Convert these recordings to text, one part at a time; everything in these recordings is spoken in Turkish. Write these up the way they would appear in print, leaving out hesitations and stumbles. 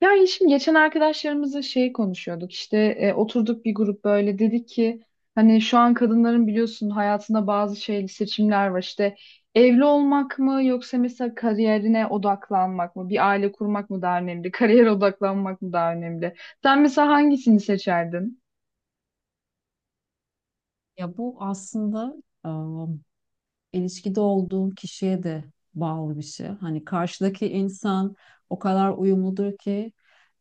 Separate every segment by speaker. Speaker 1: Yani şimdi geçen arkadaşlarımızla şey konuşuyorduk işte oturduk bir grup böyle dedik ki hani şu an kadınların biliyorsun hayatında bazı şey seçimler var işte evli olmak mı yoksa mesela kariyerine odaklanmak mı bir aile kurmak mı daha önemli kariyer odaklanmak mı daha önemli sen mesela hangisini seçerdin?
Speaker 2: Ya bu aslında ım, ilişkide olduğun kişiye de bağlı bir şey. Hani karşıdaki insan o kadar uyumludur ki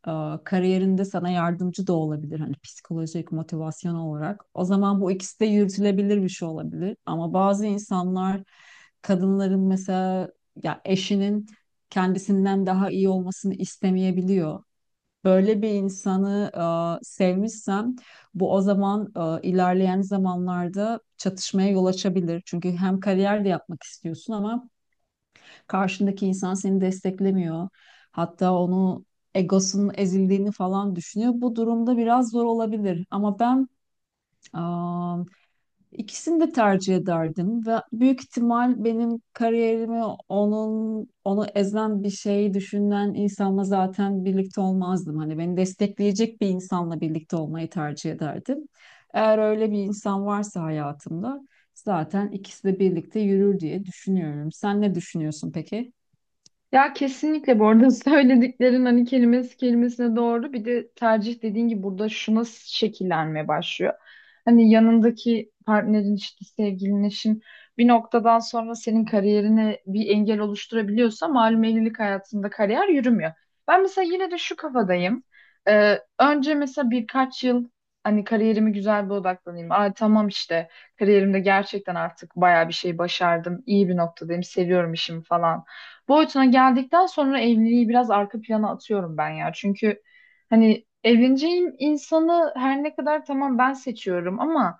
Speaker 2: kariyerinde sana yardımcı da olabilir. Hani psikolojik, motivasyon olarak. O zaman bu ikisi de yürütülebilir bir şey olabilir. Ama bazı insanlar kadınların mesela ya eşinin kendisinden daha iyi olmasını istemeyebiliyor. Böyle bir insanı sevmişsem bu o zaman ilerleyen zamanlarda çatışmaya yol açabilir. Çünkü hem kariyer de yapmak istiyorsun ama karşındaki insan seni desteklemiyor. Hatta onu egosunun ezildiğini falan düşünüyor. Bu durumda biraz zor olabilir. Ama ben İkisini de tercih ederdim ve büyük ihtimal benim kariyerimi onu ezen bir şey düşünen insanla zaten birlikte olmazdım. Hani beni destekleyecek bir insanla birlikte olmayı tercih ederdim. Eğer öyle bir insan varsa hayatımda zaten ikisi de birlikte yürür diye düşünüyorum. Sen ne düşünüyorsun peki?
Speaker 1: Ya kesinlikle bu arada söylediklerin hani kelimesi kelimesine doğru. Bir de tercih dediğin gibi burada şuna şekillenmeye başlıyor. Hani yanındaki partnerin işte sevgilin eşin bir noktadan sonra senin kariyerine bir engel oluşturabiliyorsa malum evlilik hayatında kariyer yürümüyor. Ben mesela yine de şu
Speaker 2: Evet.
Speaker 1: kafadayım. Önce mesela birkaç yıl hani kariyerimi güzel bir odaklanayım. Aa tamam işte kariyerimde gerçekten artık bayağı bir şey başardım. İyi bir noktadayım. Seviyorum işimi falan boyutuna geldikten sonra evliliği biraz arka plana atıyorum ben ya. Çünkü hani evleneceğim insanı her ne kadar tamam ben seçiyorum ama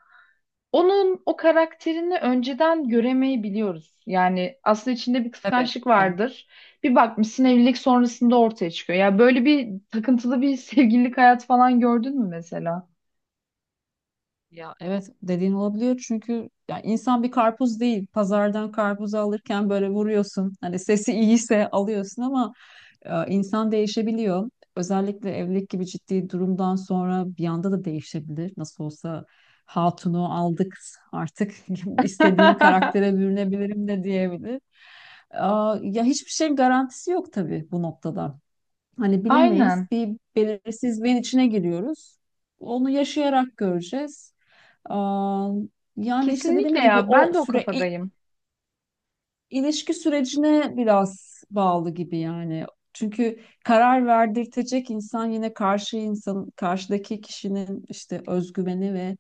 Speaker 1: onun o karakterini önceden göremeyebiliyoruz. Yani aslında içinde bir
Speaker 2: Tabii,
Speaker 1: kıskançlık
Speaker 2: tabii.
Speaker 1: vardır. Bir bakmışsın evlilik sonrasında ortaya çıkıyor. Ya böyle bir takıntılı bir sevgililik hayat falan gördün mü mesela?
Speaker 2: Ya evet dediğin olabiliyor çünkü ya insan bir karpuz değil. Pazardan karpuzu alırken böyle vuruyorsun. Hani sesi iyiyse alıyorsun ama İnsan değişebiliyor. Özellikle evlilik gibi ciddi durumdan sonra bir anda da değişebilir. Nasıl olsa hatunu aldık artık istediğim karaktere bürünebilirim de diyebilir. Ya hiçbir şeyin garantisi yok tabii bu noktada. Hani bilemeyiz.
Speaker 1: Aynen.
Speaker 2: Bir belirsizliğin içine giriyoruz. Onu yaşayarak göreceğiz. Aa, Yani işte
Speaker 1: Kesinlikle
Speaker 2: dediğim gibi
Speaker 1: ya. Ben
Speaker 2: o
Speaker 1: de o
Speaker 2: süre
Speaker 1: kafadayım.
Speaker 2: İlişki sürecine biraz bağlı gibi yani. Çünkü karar verdirtecek insan yine karşı insan, karşıdaki kişinin işte özgüveni ve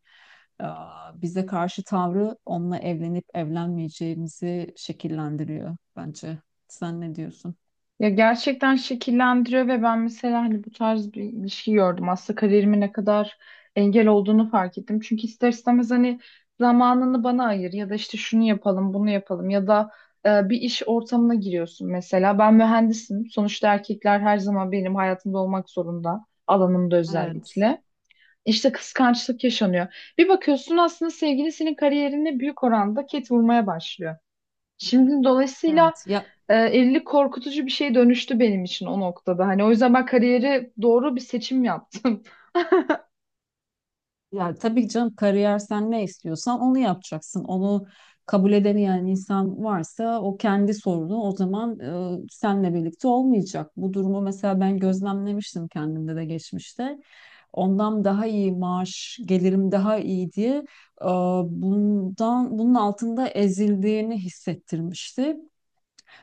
Speaker 2: bize karşı tavrı onunla evlenip evlenmeyeceğimizi şekillendiriyor bence. Sen ne diyorsun?
Speaker 1: Ya gerçekten şekillendiriyor ve ben mesela hani bu tarz bir ilişki gördüm. Aslında kariyerime ne kadar engel olduğunu fark ettim. Çünkü ister istemez hani zamanını bana ayır ya da işte şunu yapalım, bunu yapalım ya da bir iş ortamına giriyorsun mesela. Ben mühendisim. Sonuçta erkekler her zaman benim hayatımda olmak zorunda. Alanımda
Speaker 2: Evet.
Speaker 1: özellikle. İşte kıskançlık yaşanıyor. Bir bakıyorsun aslında sevgili senin kariyerine büyük oranda ket vurmaya başlıyor. Şimdi dolayısıyla
Speaker 2: Evet.
Speaker 1: evlilik korkutucu bir şeye dönüştü benim için o noktada. Hani o yüzden ben kariyere doğru bir seçim yaptım.
Speaker 2: Ya tabii ki canım kariyer sen ne istiyorsan onu yapacaksın. Onu kabul edemeyen insan varsa o kendi sorunu o zaman senle birlikte olmayacak. Bu durumu mesela ben gözlemlemiştim kendimde de geçmişte. Ondan daha iyi maaş, gelirim daha iyi diye e, bunun altında ezildiğini hissettirmişti.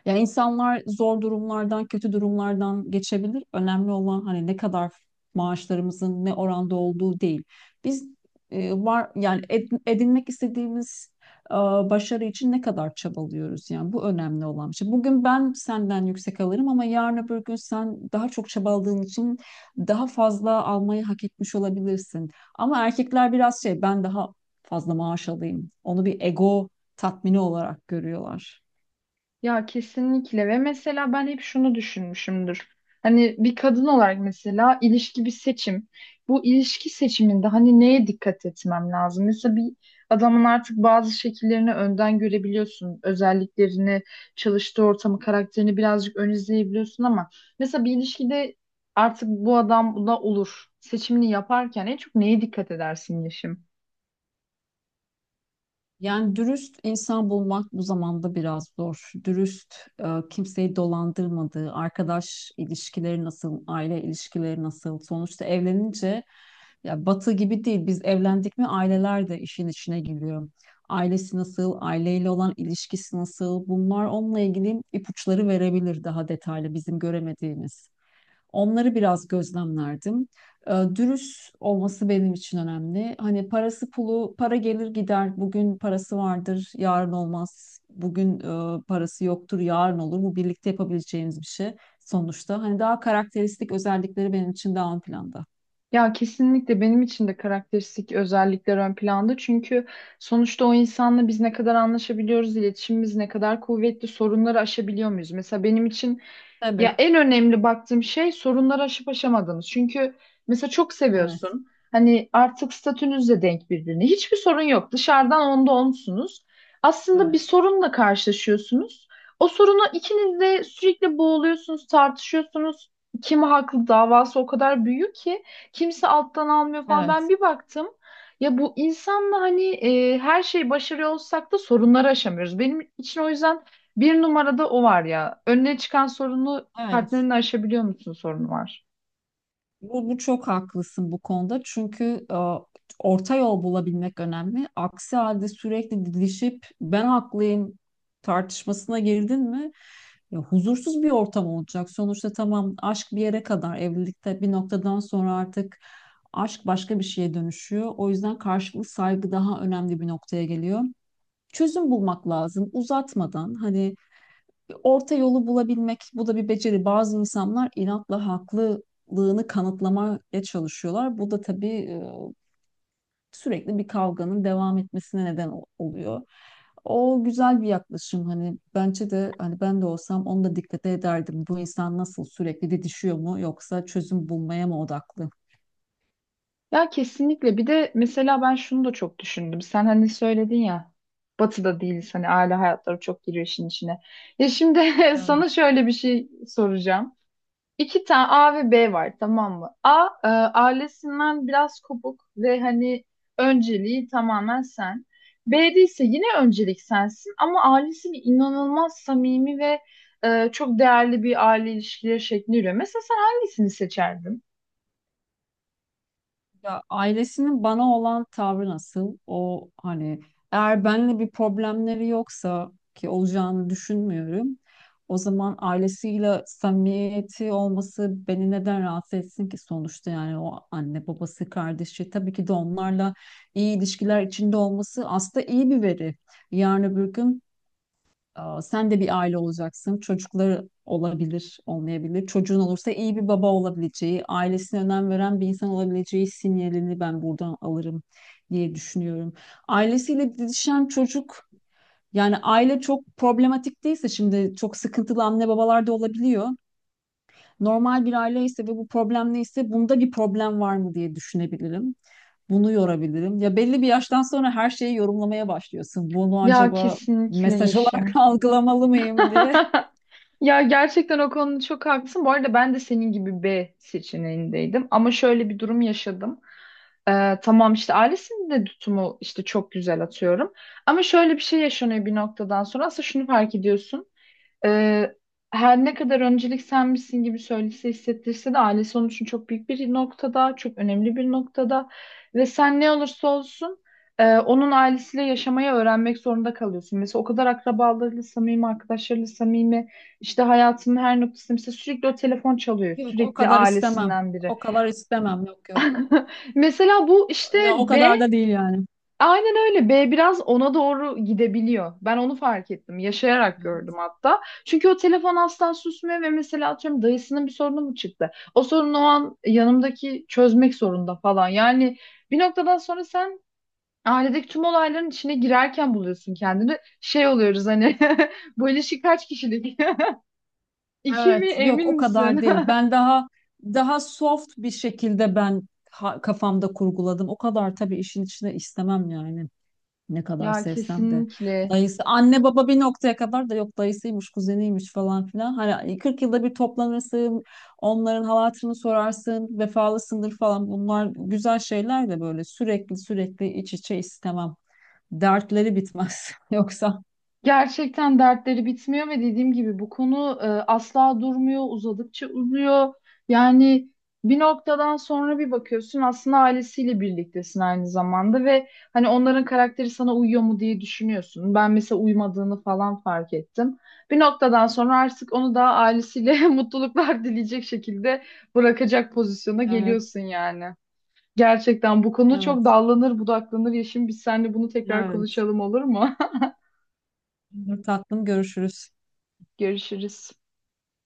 Speaker 2: Ya insanlar zor durumlardan, kötü durumlardan geçebilir. Önemli olan hani ne kadar maaşlarımızın ne oranda olduğu değil. Biz edinmek istediğimiz e, başarı için ne kadar çabalıyoruz yani bu önemli olan bir şey. Bugün ben senden yüksek alırım ama yarın öbür gün sen daha çok çabaladığın için daha fazla almayı hak etmiş olabilirsin. Ama erkekler biraz şey ben daha fazla maaş alayım. Onu bir ego tatmini olarak görüyorlar.
Speaker 1: Ya kesinlikle ve mesela ben hep şunu düşünmüşümdür. Hani bir kadın olarak mesela ilişki bir seçim. Bu ilişki seçiminde hani neye dikkat etmem lazım? Mesela bir adamın artık bazı şekillerini önden görebiliyorsun. Özelliklerini, çalıştığı ortamı, karakterini birazcık ön izleyebiliyorsun ama mesela bir ilişkide artık bu adam bu da olur. Seçimini yaparken en çok neye dikkat edersin Yeşim?
Speaker 2: Yani dürüst insan bulmak bu zamanda biraz zor. Dürüst, e, kimseyi dolandırmadığı, arkadaş ilişkileri nasıl, aile ilişkileri nasıl? Sonuçta evlenince ya batı gibi değil. Biz evlendik mi aileler de işin içine giriyor. Ailesi nasıl, aileyle olan ilişkisi nasıl? Bunlar onunla ilgili ipuçları verebilir daha detaylı bizim göremediğimiz. Onları biraz gözlemlerdim. Dürüst olması benim için önemli. Hani parası pulu, para gelir gider. Bugün parası vardır, yarın olmaz. Bugün parası yoktur, yarın olur. Bu birlikte yapabileceğimiz bir şey sonuçta. Hani daha karakteristik özellikleri benim için daha ön planda.
Speaker 1: Ya kesinlikle benim için de karakteristik özellikler ön planda. Çünkü sonuçta o insanla biz ne kadar anlaşabiliyoruz, iletişimimiz ne kadar kuvvetli, sorunları aşabiliyor muyuz? Mesela benim için
Speaker 2: Tabii.
Speaker 1: ya en önemli baktığım şey sorunları aşıp aşamadığınız. Çünkü mesela çok
Speaker 2: Evet,
Speaker 1: seviyorsun. Hani artık statünüzle denk birbirine. Hiçbir sorun yok. Dışarıdan onda onsunuz. Aslında bir
Speaker 2: evet.
Speaker 1: sorunla karşılaşıyorsunuz. O sorunu ikiniz de sürekli boğuluyorsunuz, tartışıyorsunuz. Kim haklı davası o kadar büyük ki kimse alttan almıyor falan. Ben
Speaker 2: Evet.
Speaker 1: bir baktım. Ya bu insanla hani her şeyi başarıyor olsak da sorunları aşamıyoruz. Benim için o yüzden bir numarada o var ya. Önüne çıkan sorunu
Speaker 2: Evet.
Speaker 1: partnerini aşabiliyor musun sorunu var.
Speaker 2: Bu çok haklısın bu konuda. Çünkü orta yol bulabilmek önemli. Aksi halde sürekli didişip ben haklıyım tartışmasına girdin mi ya, huzursuz bir ortam olacak. Sonuçta tamam aşk bir yere kadar evlilikte bir noktadan sonra artık aşk başka bir şeye dönüşüyor. O yüzden karşılıklı saygı daha önemli bir noktaya geliyor. Çözüm bulmak lazım uzatmadan hani orta yolu bulabilmek bu da bir beceri. Bazı insanlar inatla haklılığını kanıtlamaya çalışıyorlar. Bu da tabii sürekli bir kavganın devam etmesine neden oluyor. O güzel bir yaklaşım hani bence de hani ben de olsam onu da dikkate ederdim. Bu insan nasıl sürekli didişiyor mu yoksa çözüm bulmaya mı odaklı?
Speaker 1: Ya kesinlikle bir de mesela ben şunu da çok düşündüm. Sen hani söyledin ya batıda değiliz hani aile hayatları çok giriyor işin içine. Ya şimdi sana
Speaker 2: Evet.
Speaker 1: şöyle bir şey soracağım. İki tane A ve B var tamam mı? A ailesinden biraz kopuk ve hani önceliği tamamen sen. B'de ise yine öncelik sensin ama ailesiyle inanılmaz samimi ve çok değerli bir aile ilişkileri şekli yürüyor. Mesela sen hangisini seçerdin?
Speaker 2: Ya ailesinin bana olan tavrı nasıl? O hani eğer benimle bir problemleri yoksa ki olacağını düşünmüyorum. O zaman ailesiyle samimiyeti olması beni neden rahatsız etsin ki sonuçta yani o anne babası kardeşi tabii ki de onlarla iyi ilişkiler içinde olması aslında iyi bir veri. Yarın öbür gün sen de bir aile olacaksın. Çocukları olabilir, olmayabilir. Çocuğun olursa iyi bir baba olabileceği, ailesine önem veren bir insan olabileceği sinyalini ben buradan alırım diye düşünüyorum. Ailesiyle didişen çocuk, yani aile çok problematik değilse şimdi çok sıkıntılı anne babalar da olabiliyor. Normal bir aile ise ve bu problem neyse bunda bir problem var mı diye düşünebilirim. Bunu yorabilirim. Ya belli bir yaştan sonra her şeyi yorumlamaya başlıyorsun. Bunu
Speaker 1: Ya
Speaker 2: acaba
Speaker 1: kesinlikle
Speaker 2: mesaj olarak
Speaker 1: Yeşim.
Speaker 2: algılamalı mıyım diye.
Speaker 1: Ya gerçekten o konuda çok haklısın. Bu arada ben de senin gibi B seçeneğindeydim. Ama şöyle bir durum yaşadım. Tamam işte ailesinin de tutumu işte çok güzel atıyorum. Ama şöyle bir şey yaşanıyor bir noktadan sonra. Aslında şunu fark ediyorsun. Ee, Her ne kadar öncelik sen misin gibi söylese hissettirse de ailesi onun için çok büyük bir noktada, çok önemli bir noktada ve sen ne olursa olsun onun ailesiyle yaşamayı öğrenmek zorunda kalıyorsun. Mesela o kadar akrabalarıyla samimi, arkadaşlarıyla samimi, işte hayatının her noktasında mesela sürekli o telefon çalıyor,
Speaker 2: Yok o
Speaker 1: sürekli
Speaker 2: kadar istemem.
Speaker 1: ailesinden biri.
Speaker 2: O kadar istemem. Yok yok.
Speaker 1: Mesela bu işte
Speaker 2: Ya o
Speaker 1: B
Speaker 2: kadar da değil yani.
Speaker 1: aynen öyle. B biraz ona doğru gidebiliyor. Ben onu fark ettim. Yaşayarak gördüm hatta. Çünkü o telefon asla susmuyor ve mesela atıyorum dayısının bir sorunu mu çıktı? O sorunu o an yanımdaki çözmek zorunda falan. Yani bir noktadan sonra sen ailedeki tüm olayların içine girerken buluyorsun kendini. Şey oluyoruz hani bu ilişki kaç kişilik? İki
Speaker 2: Evet,
Speaker 1: mi
Speaker 2: yok
Speaker 1: emin
Speaker 2: o kadar
Speaker 1: misin?
Speaker 2: değil. Ben daha soft bir şekilde ben kafamda kurguladım. O kadar tabii işin içine istemem yani. Ne kadar
Speaker 1: Ya
Speaker 2: sevsem de.
Speaker 1: kesinlikle.
Speaker 2: Dayısı, anne baba bir noktaya kadar da yok dayısıymış, kuzeniymiş falan filan. Hani 40 yılda bir toplanırsın, onların hal hatırını sorarsın, vefalısındır falan. Bunlar güzel şeyler de böyle sürekli sürekli iç içe istemem. Dertleri bitmez. Yoksa
Speaker 1: Gerçekten dertleri bitmiyor ve dediğim gibi bu konu asla durmuyor, uzadıkça uzuyor. Yani bir noktadan sonra bir bakıyorsun aslında ailesiyle birliktesin aynı zamanda ve hani onların karakteri sana uyuyor mu diye düşünüyorsun. Ben mesela uymadığını falan fark ettim. Bir noktadan sonra artık onu da ailesiyle mutluluklar dileyecek şekilde bırakacak pozisyona
Speaker 2: evet,
Speaker 1: geliyorsun yani. Gerçekten bu konu çok
Speaker 2: evet,
Speaker 1: dallanır budaklanır. Yeşim biz seninle bunu tekrar
Speaker 2: evet.
Speaker 1: konuşalım olur mu?
Speaker 2: Olur tatlım görüşürüz.
Speaker 1: Görüşürüz.